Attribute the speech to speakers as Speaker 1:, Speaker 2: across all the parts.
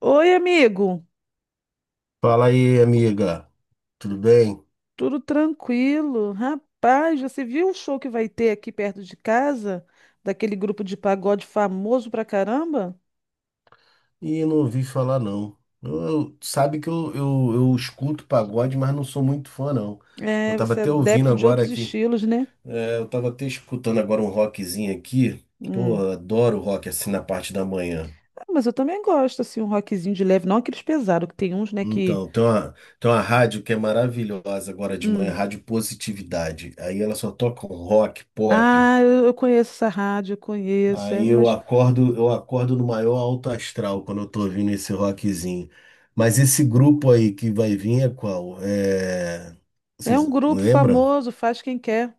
Speaker 1: Oi, amigo.
Speaker 2: Fala aí, amiga. Tudo bem?
Speaker 1: Tudo tranquilo? Rapaz, você viu o show que vai ter aqui perto de casa? Daquele grupo de pagode famoso pra caramba?
Speaker 2: Ih, não ouvi falar, não. Sabe que eu escuto pagode, mas não sou muito fã, não. Eu
Speaker 1: É,
Speaker 2: tava
Speaker 1: você é
Speaker 2: até ouvindo
Speaker 1: adepto de
Speaker 2: agora
Speaker 1: outros
Speaker 2: aqui.
Speaker 1: estilos, né?
Speaker 2: Eu tava até escutando agora um rockzinho aqui. Pô,
Speaker 1: Hum.
Speaker 2: eu adoro rock assim na parte da manhã.
Speaker 1: Ah, mas eu também gosto, assim, um rockzinho de leve, não aqueles pesados, que tem uns, né, que...
Speaker 2: Então, tem uma rádio que é maravilhosa agora de manhã,
Speaker 1: Hum.
Speaker 2: Rádio Positividade. Aí ela só toca um rock, pop.
Speaker 1: Ah, eu conheço essa rádio, eu conheço, é,
Speaker 2: Aí
Speaker 1: mas
Speaker 2: eu acordo no maior alto astral quando eu tô ouvindo esse rockzinho. Mas esse grupo aí que vai vir é qual? É...
Speaker 1: é um
Speaker 2: Vocês
Speaker 1: grupo
Speaker 2: lembram?
Speaker 1: famoso, faz quem quer.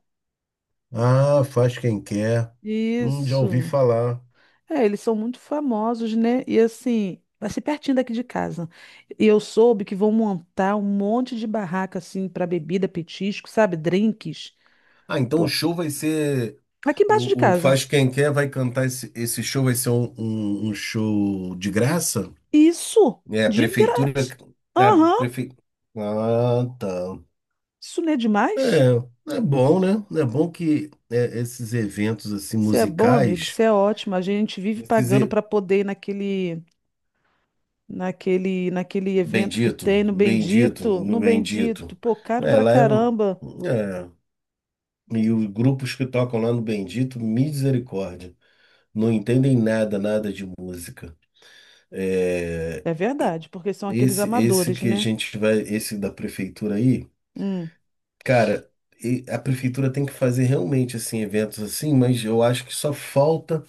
Speaker 2: Ah, faz quem quer. Já ouvi
Speaker 1: Isso.
Speaker 2: falar.
Speaker 1: É, eles são muito famosos, né? E assim, vai ser pertinho daqui de casa. E eu soube que vão montar um monte de barraca assim para bebida, petisco, sabe? Drinks.
Speaker 2: Ah, então o
Speaker 1: Pô,
Speaker 2: show vai ser.
Speaker 1: aqui embaixo de
Speaker 2: O
Speaker 1: casa.
Speaker 2: Faz Quem Quer vai cantar esse show, vai ser um show de graça?
Speaker 1: Isso,
Speaker 2: É, a
Speaker 1: de
Speaker 2: prefeitura.
Speaker 1: grátis.
Speaker 2: A
Speaker 1: Aham,
Speaker 2: prefe... Ah, tá.
Speaker 1: isso não é demais?
Speaker 2: É, é bom, né? É bom que é, esses eventos assim
Speaker 1: Isso é bom, amigo,
Speaker 2: musicais,
Speaker 1: isso é ótimo. A gente vive
Speaker 2: esses
Speaker 1: pagando
Speaker 2: e-
Speaker 1: para poder ir naquele, naquele, naquele evento que tem no Bendito, no
Speaker 2: no
Speaker 1: Bendito.
Speaker 2: bendito.
Speaker 1: Pô, caro
Speaker 2: É,
Speaker 1: pra
Speaker 2: lá é,
Speaker 1: caramba.
Speaker 2: é, e os grupos que tocam lá no bendito, misericórdia, não entendem nada, nada de música. É,
Speaker 1: É
Speaker 2: e-
Speaker 1: verdade, porque são aqueles
Speaker 2: esse
Speaker 1: amadores,
Speaker 2: que a
Speaker 1: né?
Speaker 2: gente vai, esse da prefeitura aí.
Speaker 1: Hum.
Speaker 2: Cara, e a prefeitura tem que fazer realmente assim eventos assim, mas eu acho que só falta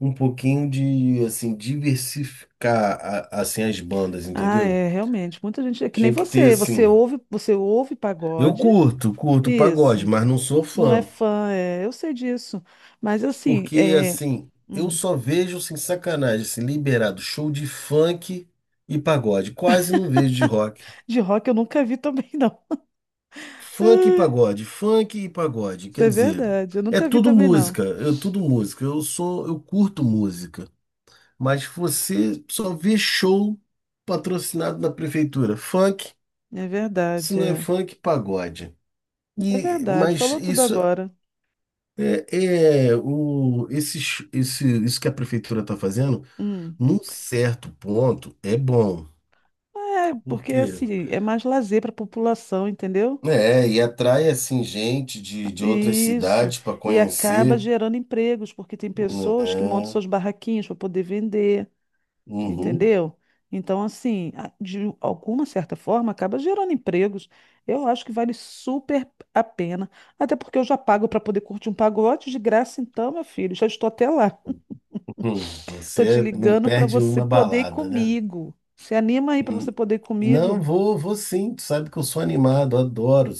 Speaker 2: um pouquinho de assim diversificar assim as bandas,
Speaker 1: Ah,
Speaker 2: entendeu?
Speaker 1: é, realmente. Muita gente. É que nem
Speaker 2: Tinha que ter
Speaker 1: você.
Speaker 2: assim.
Speaker 1: Você ouve pagode.
Speaker 2: Curto pagode,
Speaker 1: Isso.
Speaker 2: mas não sou
Speaker 1: Não é
Speaker 2: fã,
Speaker 1: fã, é, eu sei disso. Mas assim,
Speaker 2: porque assim, eu
Speaker 1: hum,
Speaker 2: só vejo sem sacanagem, assim, liberado show de funk e pagode, quase não vejo de rock.
Speaker 1: de rock eu nunca vi também, não. Ai,
Speaker 2: Funk e pagode,
Speaker 1: isso
Speaker 2: quer
Speaker 1: é
Speaker 2: dizer,
Speaker 1: verdade. Eu
Speaker 2: é
Speaker 1: nunca vi
Speaker 2: tudo
Speaker 1: também, não.
Speaker 2: música, é tudo música. Eu curto música, mas você só vê show patrocinado na prefeitura. Funk,
Speaker 1: É
Speaker 2: se
Speaker 1: verdade,
Speaker 2: não é
Speaker 1: é.
Speaker 2: funk, pagode.
Speaker 1: É
Speaker 2: E,
Speaker 1: verdade.
Speaker 2: mas
Speaker 1: Falou tudo
Speaker 2: isso
Speaker 1: agora.
Speaker 2: é, é o, esse, sh- esse, isso que a prefeitura está fazendo,
Speaker 1: Hum.
Speaker 2: num certo ponto, é bom.
Speaker 1: É,
Speaker 2: Por
Speaker 1: porque
Speaker 2: quê?
Speaker 1: assim, é mais lazer para a população, entendeu?
Speaker 2: É, e atrai assim gente de outras
Speaker 1: Isso.
Speaker 2: cidades para
Speaker 1: E acaba
Speaker 2: conhecer,
Speaker 1: gerando empregos, porque tem pessoas que montam
Speaker 2: né?
Speaker 1: suas barraquinhas para poder vender.
Speaker 2: Uhum,
Speaker 1: Entendeu? Então, assim, a- de alguma certa forma, acaba gerando empregos. Eu acho que vale super a pena. Até porque eu já pago para poder curtir um pagode de graça, então, meu filho, já estou até lá.
Speaker 2: uhum.
Speaker 1: Tô te
Speaker 2: Você não
Speaker 1: ligando para
Speaker 2: perde
Speaker 1: você
Speaker 2: uma
Speaker 1: poder ir
Speaker 2: balada, né?
Speaker 1: comigo. Se anima aí para você
Speaker 2: Hum,
Speaker 1: poder ir comigo?
Speaker 2: não, vou sim. Tu sabe que eu sou animado,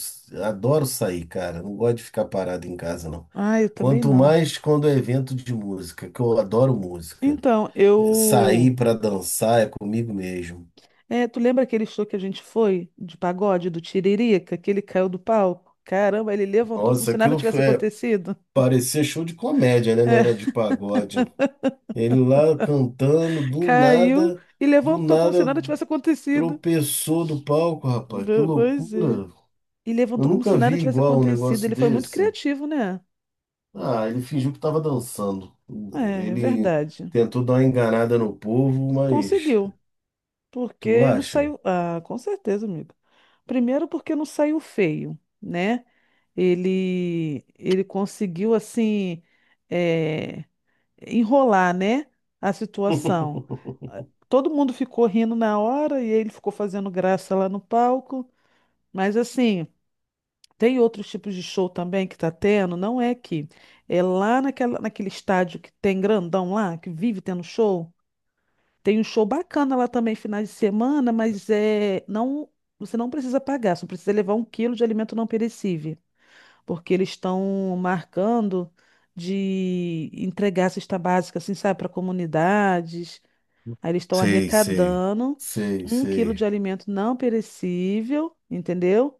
Speaker 2: adoro sair, cara. Não gosto de ficar parado em casa, não.
Speaker 1: Ah, eu também
Speaker 2: Quanto
Speaker 1: não.
Speaker 2: mais quando é evento de música, que eu adoro música.
Speaker 1: Então,
Speaker 2: Eh,
Speaker 1: eu.
Speaker 2: sair para dançar é comigo mesmo.
Speaker 1: É, tu lembra aquele show que a gente foi de pagode do Tiririca, que ele caiu do palco? Caramba, ele levantou como
Speaker 2: Nossa,
Speaker 1: se nada
Speaker 2: aquilo
Speaker 1: tivesse
Speaker 2: foi, é,
Speaker 1: acontecido.
Speaker 2: parecia show de comédia, né? Não era de pagode. Ele lá cantando,
Speaker 1: Caiu e
Speaker 2: do
Speaker 1: levantou como se
Speaker 2: nada
Speaker 1: nada tivesse acontecido.
Speaker 2: tropeçou do palco, rapaz. Que
Speaker 1: Ve- Pois é.
Speaker 2: loucura.
Speaker 1: E
Speaker 2: Eu
Speaker 1: levantou como se
Speaker 2: nunca vi
Speaker 1: nada tivesse
Speaker 2: igual um
Speaker 1: acontecido.
Speaker 2: negócio
Speaker 1: Ele foi muito
Speaker 2: desse.
Speaker 1: criativo, né?
Speaker 2: Ah, ele fingiu que estava dançando.
Speaker 1: É, é
Speaker 2: Ele
Speaker 1: verdade.
Speaker 2: tentou dar uma enganada no povo, mas
Speaker 1: Conseguiu.
Speaker 2: tu
Speaker 1: Porque não
Speaker 2: acha?
Speaker 1: saiu. Ah, com certeza, amigo. Primeiro, porque não saiu feio, né? Ele conseguiu, assim, é, enrolar, né? A situação. Ah, todo mundo ficou rindo na hora e ele ficou fazendo graça lá no palco. Mas, assim. Tem outros tipos de show também que tá tendo, não é aqui. É lá naquela, naquele estádio que tem grandão lá, que vive tendo show. Tem um show bacana lá também, finais de semana, mas é não, você não precisa pagar, só precisa levar um quilo de alimento não perecível, porque eles estão marcando de entregar cesta básica, assim, sabe, para comunidades. Aí eles estão
Speaker 2: Sei, sei,
Speaker 1: arrecadando
Speaker 2: sei,
Speaker 1: um quilo de
Speaker 2: sei.
Speaker 1: alimento não perecível, entendeu?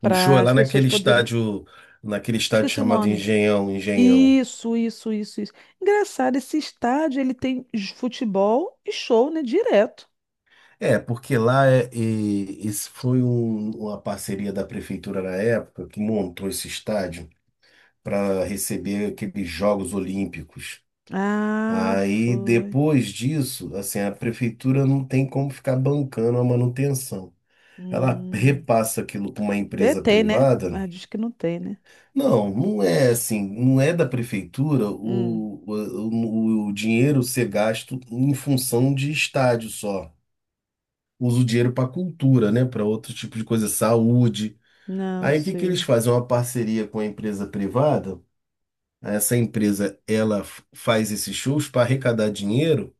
Speaker 2: O show
Speaker 1: Para
Speaker 2: é
Speaker 1: as
Speaker 2: lá
Speaker 1: pessoas poderem.
Speaker 2: naquele estádio
Speaker 1: Esqueci o
Speaker 2: chamado
Speaker 1: nome.
Speaker 2: Engenhão, Engenhão.
Speaker 1: Isso, isso, isso, isso. Engraçado, esse estádio ele tem j- futebol e show, né? Direto.
Speaker 2: É, porque lá é, uma parceria da prefeitura na época que montou esse estádio para receber aqueles Jogos Olímpicos.
Speaker 1: Ah,
Speaker 2: Aí
Speaker 1: foi.
Speaker 2: depois disso, assim, a prefeitura não tem como ficar bancando a manutenção. Ela
Speaker 1: Hum.
Speaker 2: repassa aquilo para uma
Speaker 1: Te-
Speaker 2: empresa
Speaker 1: Tem, né?
Speaker 2: privada.
Speaker 1: Ah, diz que não tem, né?
Speaker 2: Não, não é assim, não é da prefeitura
Speaker 1: Hum.
Speaker 2: o dinheiro ser gasto em função de estádio só. Usa o dinheiro para cultura, né? Para outro tipo de coisa, saúde.
Speaker 1: Não
Speaker 2: Aí o que que eles
Speaker 1: sei.
Speaker 2: fazem? Uma parceria com a empresa privada. Essa empresa, faz esses shows para arrecadar dinheiro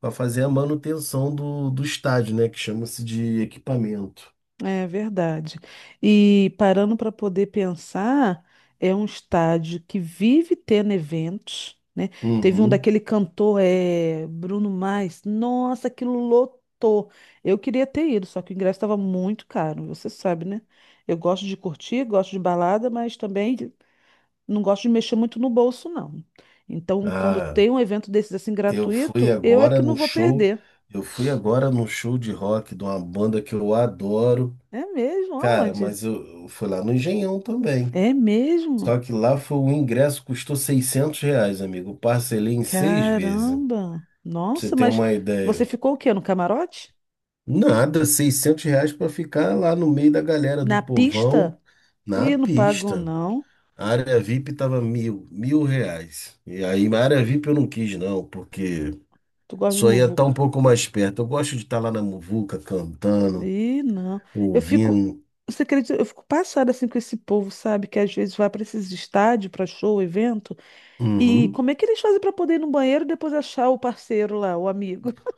Speaker 2: para fazer a manutenção do estádio, né? Que chama-se de equipamento.
Speaker 1: É verdade. E parando para poder pensar, é um estádio que vive tendo eventos, né? Teve um
Speaker 2: Uhum.
Speaker 1: daquele cantor, é, Bruno Mars. Nossa, aquilo lotou. Eu queria ter ido, só que o ingresso estava muito caro, você sabe, né? Eu gosto de curtir, gosto de balada, mas também não gosto de mexer muito no bolso, não. Então, quando
Speaker 2: Ah,
Speaker 1: tem um evento desses assim
Speaker 2: eu fui
Speaker 1: gratuito, eu é
Speaker 2: agora
Speaker 1: que não
Speaker 2: no
Speaker 1: vou
Speaker 2: show.
Speaker 1: perder.
Speaker 2: Eu fui agora no show de rock de uma banda que eu adoro.
Speaker 1: É mesmo?
Speaker 2: Cara,
Speaker 1: Aonde?
Speaker 2: mas eu fui lá no Engenhão também.
Speaker 1: É mesmo?
Speaker 2: Só que lá foi o ingresso, custou R$ 600, amigo. Eu parcelei em seis vezes.
Speaker 1: Caramba!
Speaker 2: Pra você
Speaker 1: Nossa,
Speaker 2: ter
Speaker 1: mas
Speaker 2: uma
Speaker 1: você
Speaker 2: ideia.
Speaker 1: ficou o quê? No camarote?
Speaker 2: Nada, R$ 600 para ficar lá no meio da galera do
Speaker 1: Na
Speaker 2: povão,
Speaker 1: pista?
Speaker 2: na
Speaker 1: Ih, não pago
Speaker 2: pista.
Speaker 1: não.
Speaker 2: A área VIP tava R$ 1.000. E aí, a área VIP eu não quis, não, porque
Speaker 1: Tu gosta de
Speaker 2: só ia estar
Speaker 1: muvuca?
Speaker 2: um pouco mais perto. Eu gosto de estar lá na muvuca, cantando,
Speaker 1: Ih, não. Eu fico,
Speaker 2: ouvindo.
Speaker 1: você acredita? Eu fico passada assim com esse povo, sabe? Que às vezes vai para esses estádios, para show, evento. E
Speaker 2: Uhum.
Speaker 1: como é que eles fazem para poder ir no banheiro e depois achar o parceiro lá, o amigo?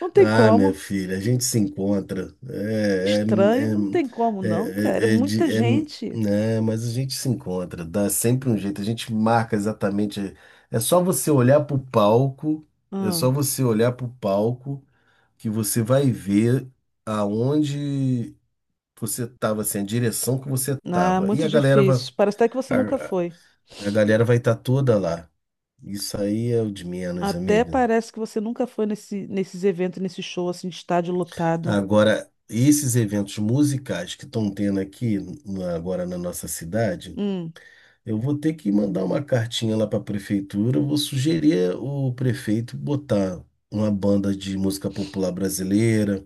Speaker 1: Não tem
Speaker 2: Ah, minha
Speaker 1: como.
Speaker 2: filha, a gente se encontra.
Speaker 1: Estranho, não tem como
Speaker 2: É,
Speaker 1: não, cara. É
Speaker 2: é, é, é
Speaker 1: muita
Speaker 2: de- é-
Speaker 1: gente.
Speaker 2: né, mas a gente se encontra, dá sempre um jeito. A gente marca exatamente. É só você olhar pro palco, é
Speaker 1: Ah,
Speaker 2: só você olhar pro palco que você vai ver aonde. Você tava assim, a direção que você
Speaker 1: ah,
Speaker 2: tava. E
Speaker 1: muito
Speaker 2: a galera vai,
Speaker 1: difícil. Parece até que você nunca
Speaker 2: a,
Speaker 1: foi.
Speaker 2: a galera vai estar toda lá. Isso aí é o de menos,
Speaker 1: Até
Speaker 2: amiga.
Speaker 1: parece que você nunca foi nesse, nesses eventos, nesse show assim de estádio lotado.
Speaker 2: Agora, esses eventos musicais que estão tendo aqui agora na nossa cidade,
Speaker 1: Hum,
Speaker 2: eu vou ter que mandar uma cartinha lá para a prefeitura. Eu vou sugerir o prefeito botar uma banda de música popular brasileira,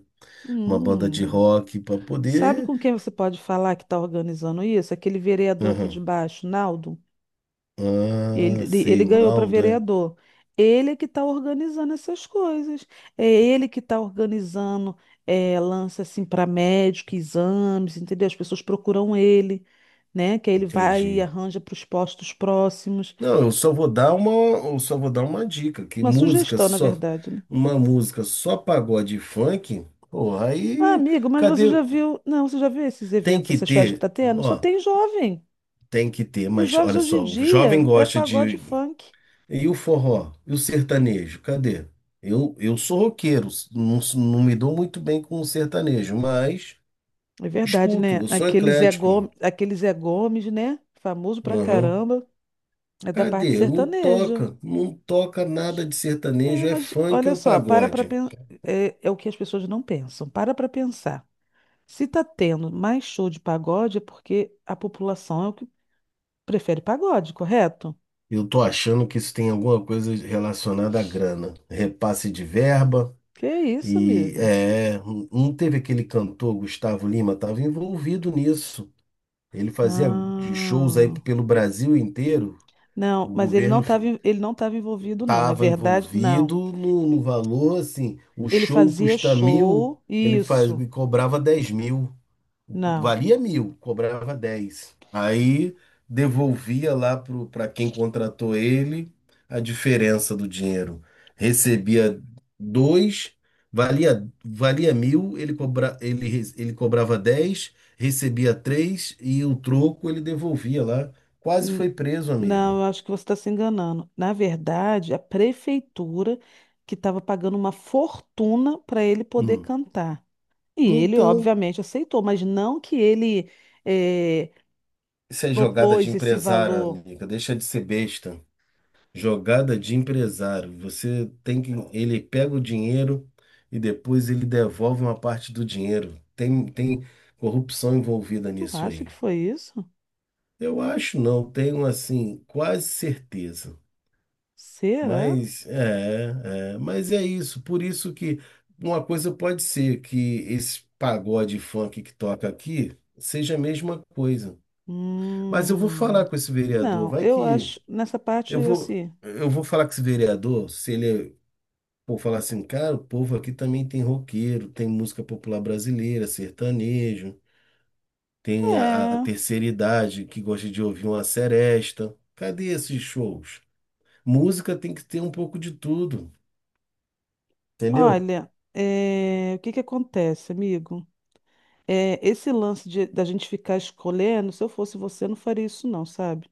Speaker 2: uma banda de
Speaker 1: hum.
Speaker 2: rock para
Speaker 1: Sabe
Speaker 2: poder.
Speaker 1: com quem você pode falar que está organizando isso? Aquele vereador aqui de
Speaker 2: Aham.
Speaker 1: baixo, Naldo. Ele,
Speaker 2: Ah,
Speaker 1: ele
Speaker 2: sei,
Speaker 1: ele
Speaker 2: o
Speaker 1: ganhou para
Speaker 2: Naldo, é?
Speaker 1: vereador. Ele é que está organizando essas coisas. É ele que está organizando é, lance assim para médico, exames, entendeu? As pessoas procuram ele, né? Que aí ele vai e
Speaker 2: Entendi.
Speaker 1: arranja para os postos próximos.
Speaker 2: Não, eu só vou dar uma dica, que
Speaker 1: Uma
Speaker 2: música
Speaker 1: sugestão, na
Speaker 2: só,
Speaker 1: verdade, né?
Speaker 2: uma música só pagode e funk, porra,
Speaker 1: Ah,
Speaker 2: aí
Speaker 1: amigo, mas você
Speaker 2: cadê?
Speaker 1: já viu. Não, você já viu esses
Speaker 2: Tem
Speaker 1: eventos,
Speaker 2: que
Speaker 1: essas festas que
Speaker 2: ter,
Speaker 1: tá tendo? Só
Speaker 2: ó,
Speaker 1: tem jovem.
Speaker 2: tem que ter,
Speaker 1: E os
Speaker 2: mas
Speaker 1: jovens
Speaker 2: olha
Speaker 1: hoje em
Speaker 2: só, o jovem
Speaker 1: dia é
Speaker 2: gosta
Speaker 1: pagode e
Speaker 2: de
Speaker 1: funk.
Speaker 2: e o forró, e o sertanejo, cadê? Eu sou roqueiro, não, não me dou muito bem com o sertanejo, mas
Speaker 1: É verdade,
Speaker 2: escuto,
Speaker 1: né?
Speaker 2: eu sou eclético.
Speaker 1: Aquele Zé Gomes, né? Famoso pra
Speaker 2: Uhum.
Speaker 1: caramba. É da parte
Speaker 2: Cadê? Não
Speaker 1: sertaneja.
Speaker 2: toca, não toca nada de
Speaker 1: É,
Speaker 2: sertanejo, é
Speaker 1: mas
Speaker 2: funk
Speaker 1: olha
Speaker 2: ou
Speaker 1: só, para pra
Speaker 2: pagode.
Speaker 1: pensar. É, é o que as pessoas não pensam. Para pra pensar. Se tá tendo mais show de pagode, é porque a população é o que prefere pagode, correto?
Speaker 2: Eu tô achando que isso tem alguma coisa relacionada à grana. Repasse de verba
Speaker 1: Que isso,
Speaker 2: e
Speaker 1: amigo?
Speaker 2: é, não teve aquele cantor Gustavo Lima, estava envolvido nisso. Ele fazia shows aí
Speaker 1: Ah.
Speaker 2: pelo Brasil inteiro.
Speaker 1: Não,
Speaker 2: O
Speaker 1: mas
Speaker 2: governo
Speaker 1: ele não estava envolvido, não. Na
Speaker 2: estava
Speaker 1: verdade, não.
Speaker 2: envolvido no valor, assim, o
Speaker 1: Ele
Speaker 2: show
Speaker 1: fazia
Speaker 2: custa 1.000,
Speaker 1: show.
Speaker 2: ele faz,
Speaker 1: Isso.
Speaker 2: ele cobrava 10.000
Speaker 1: Não.
Speaker 2: valia 1.000, cobrava dez. Aí devolvia lá para quem contratou ele a diferença do dinheiro. Recebia dois, valia 1.000, ele cobrava dez, recebia três e o troco ele devolvia lá. Quase
Speaker 1: N-
Speaker 2: foi preso,
Speaker 1: Não,
Speaker 2: amiga.
Speaker 1: eu acho que você está se enganando. Na verdade, a prefeitura que estava pagando uma fortuna para ele poder
Speaker 2: Hum.
Speaker 1: cantar. E ele,
Speaker 2: Então,
Speaker 1: obviamente, aceitou, mas não que ele eh,
Speaker 2: isso é jogada de
Speaker 1: propôs esse
Speaker 2: empresário,
Speaker 1: valor.
Speaker 2: amiga. Deixa de ser besta. Jogada de empresário. Você tem que. Ele pega o dinheiro e depois ele devolve uma parte do dinheiro. Tem corrupção envolvida
Speaker 1: Tu
Speaker 2: nisso
Speaker 1: acha
Speaker 2: aí.
Speaker 1: que foi isso?
Speaker 2: Eu acho não, tenho assim, quase certeza.
Speaker 1: Será?
Speaker 2: Mas é, é, mas é isso. Por isso que uma coisa pode ser que esse pagode funk que toca aqui seja a mesma coisa. Mas eu vou
Speaker 1: Hum,
Speaker 2: falar com esse vereador,
Speaker 1: não,
Speaker 2: vai
Speaker 1: eu
Speaker 2: que
Speaker 1: acho nessa parte
Speaker 2: eu vou,
Speaker 1: assim.
Speaker 2: eu vou falar com esse vereador se ele é. Pô, falar assim, cara, o povo aqui também tem roqueiro, tem música popular brasileira, sertanejo, tem a
Speaker 1: É.
Speaker 2: terceira idade que gosta de ouvir uma seresta. Cadê esses shows? Música tem que ter um pouco de tudo, entendeu?
Speaker 1: Olha, o que que acontece, amigo? Esse lance de- da gente ficar escolhendo, se eu fosse você, não faria isso não, sabe?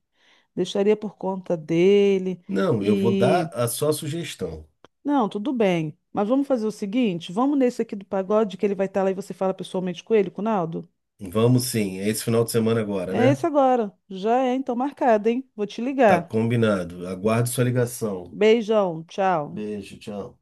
Speaker 1: Deixaria por conta dele
Speaker 2: Não, eu vou
Speaker 1: e...
Speaker 2: dar a sua sugestão.
Speaker 1: Não, tudo bem, mas vamos fazer o seguinte, vamos nesse aqui do pagode que ele vai estar lá e você fala pessoalmente com ele, com o Naldo?
Speaker 2: Vamos sim, é esse final de semana agora,
Speaker 1: É
Speaker 2: né?
Speaker 1: esse agora, já é então marcado, hein? Vou te
Speaker 2: Tá
Speaker 1: ligar.
Speaker 2: combinado. Aguardo sua ligação.
Speaker 1: Beijão, tchau.
Speaker 2: Beijo, tchau.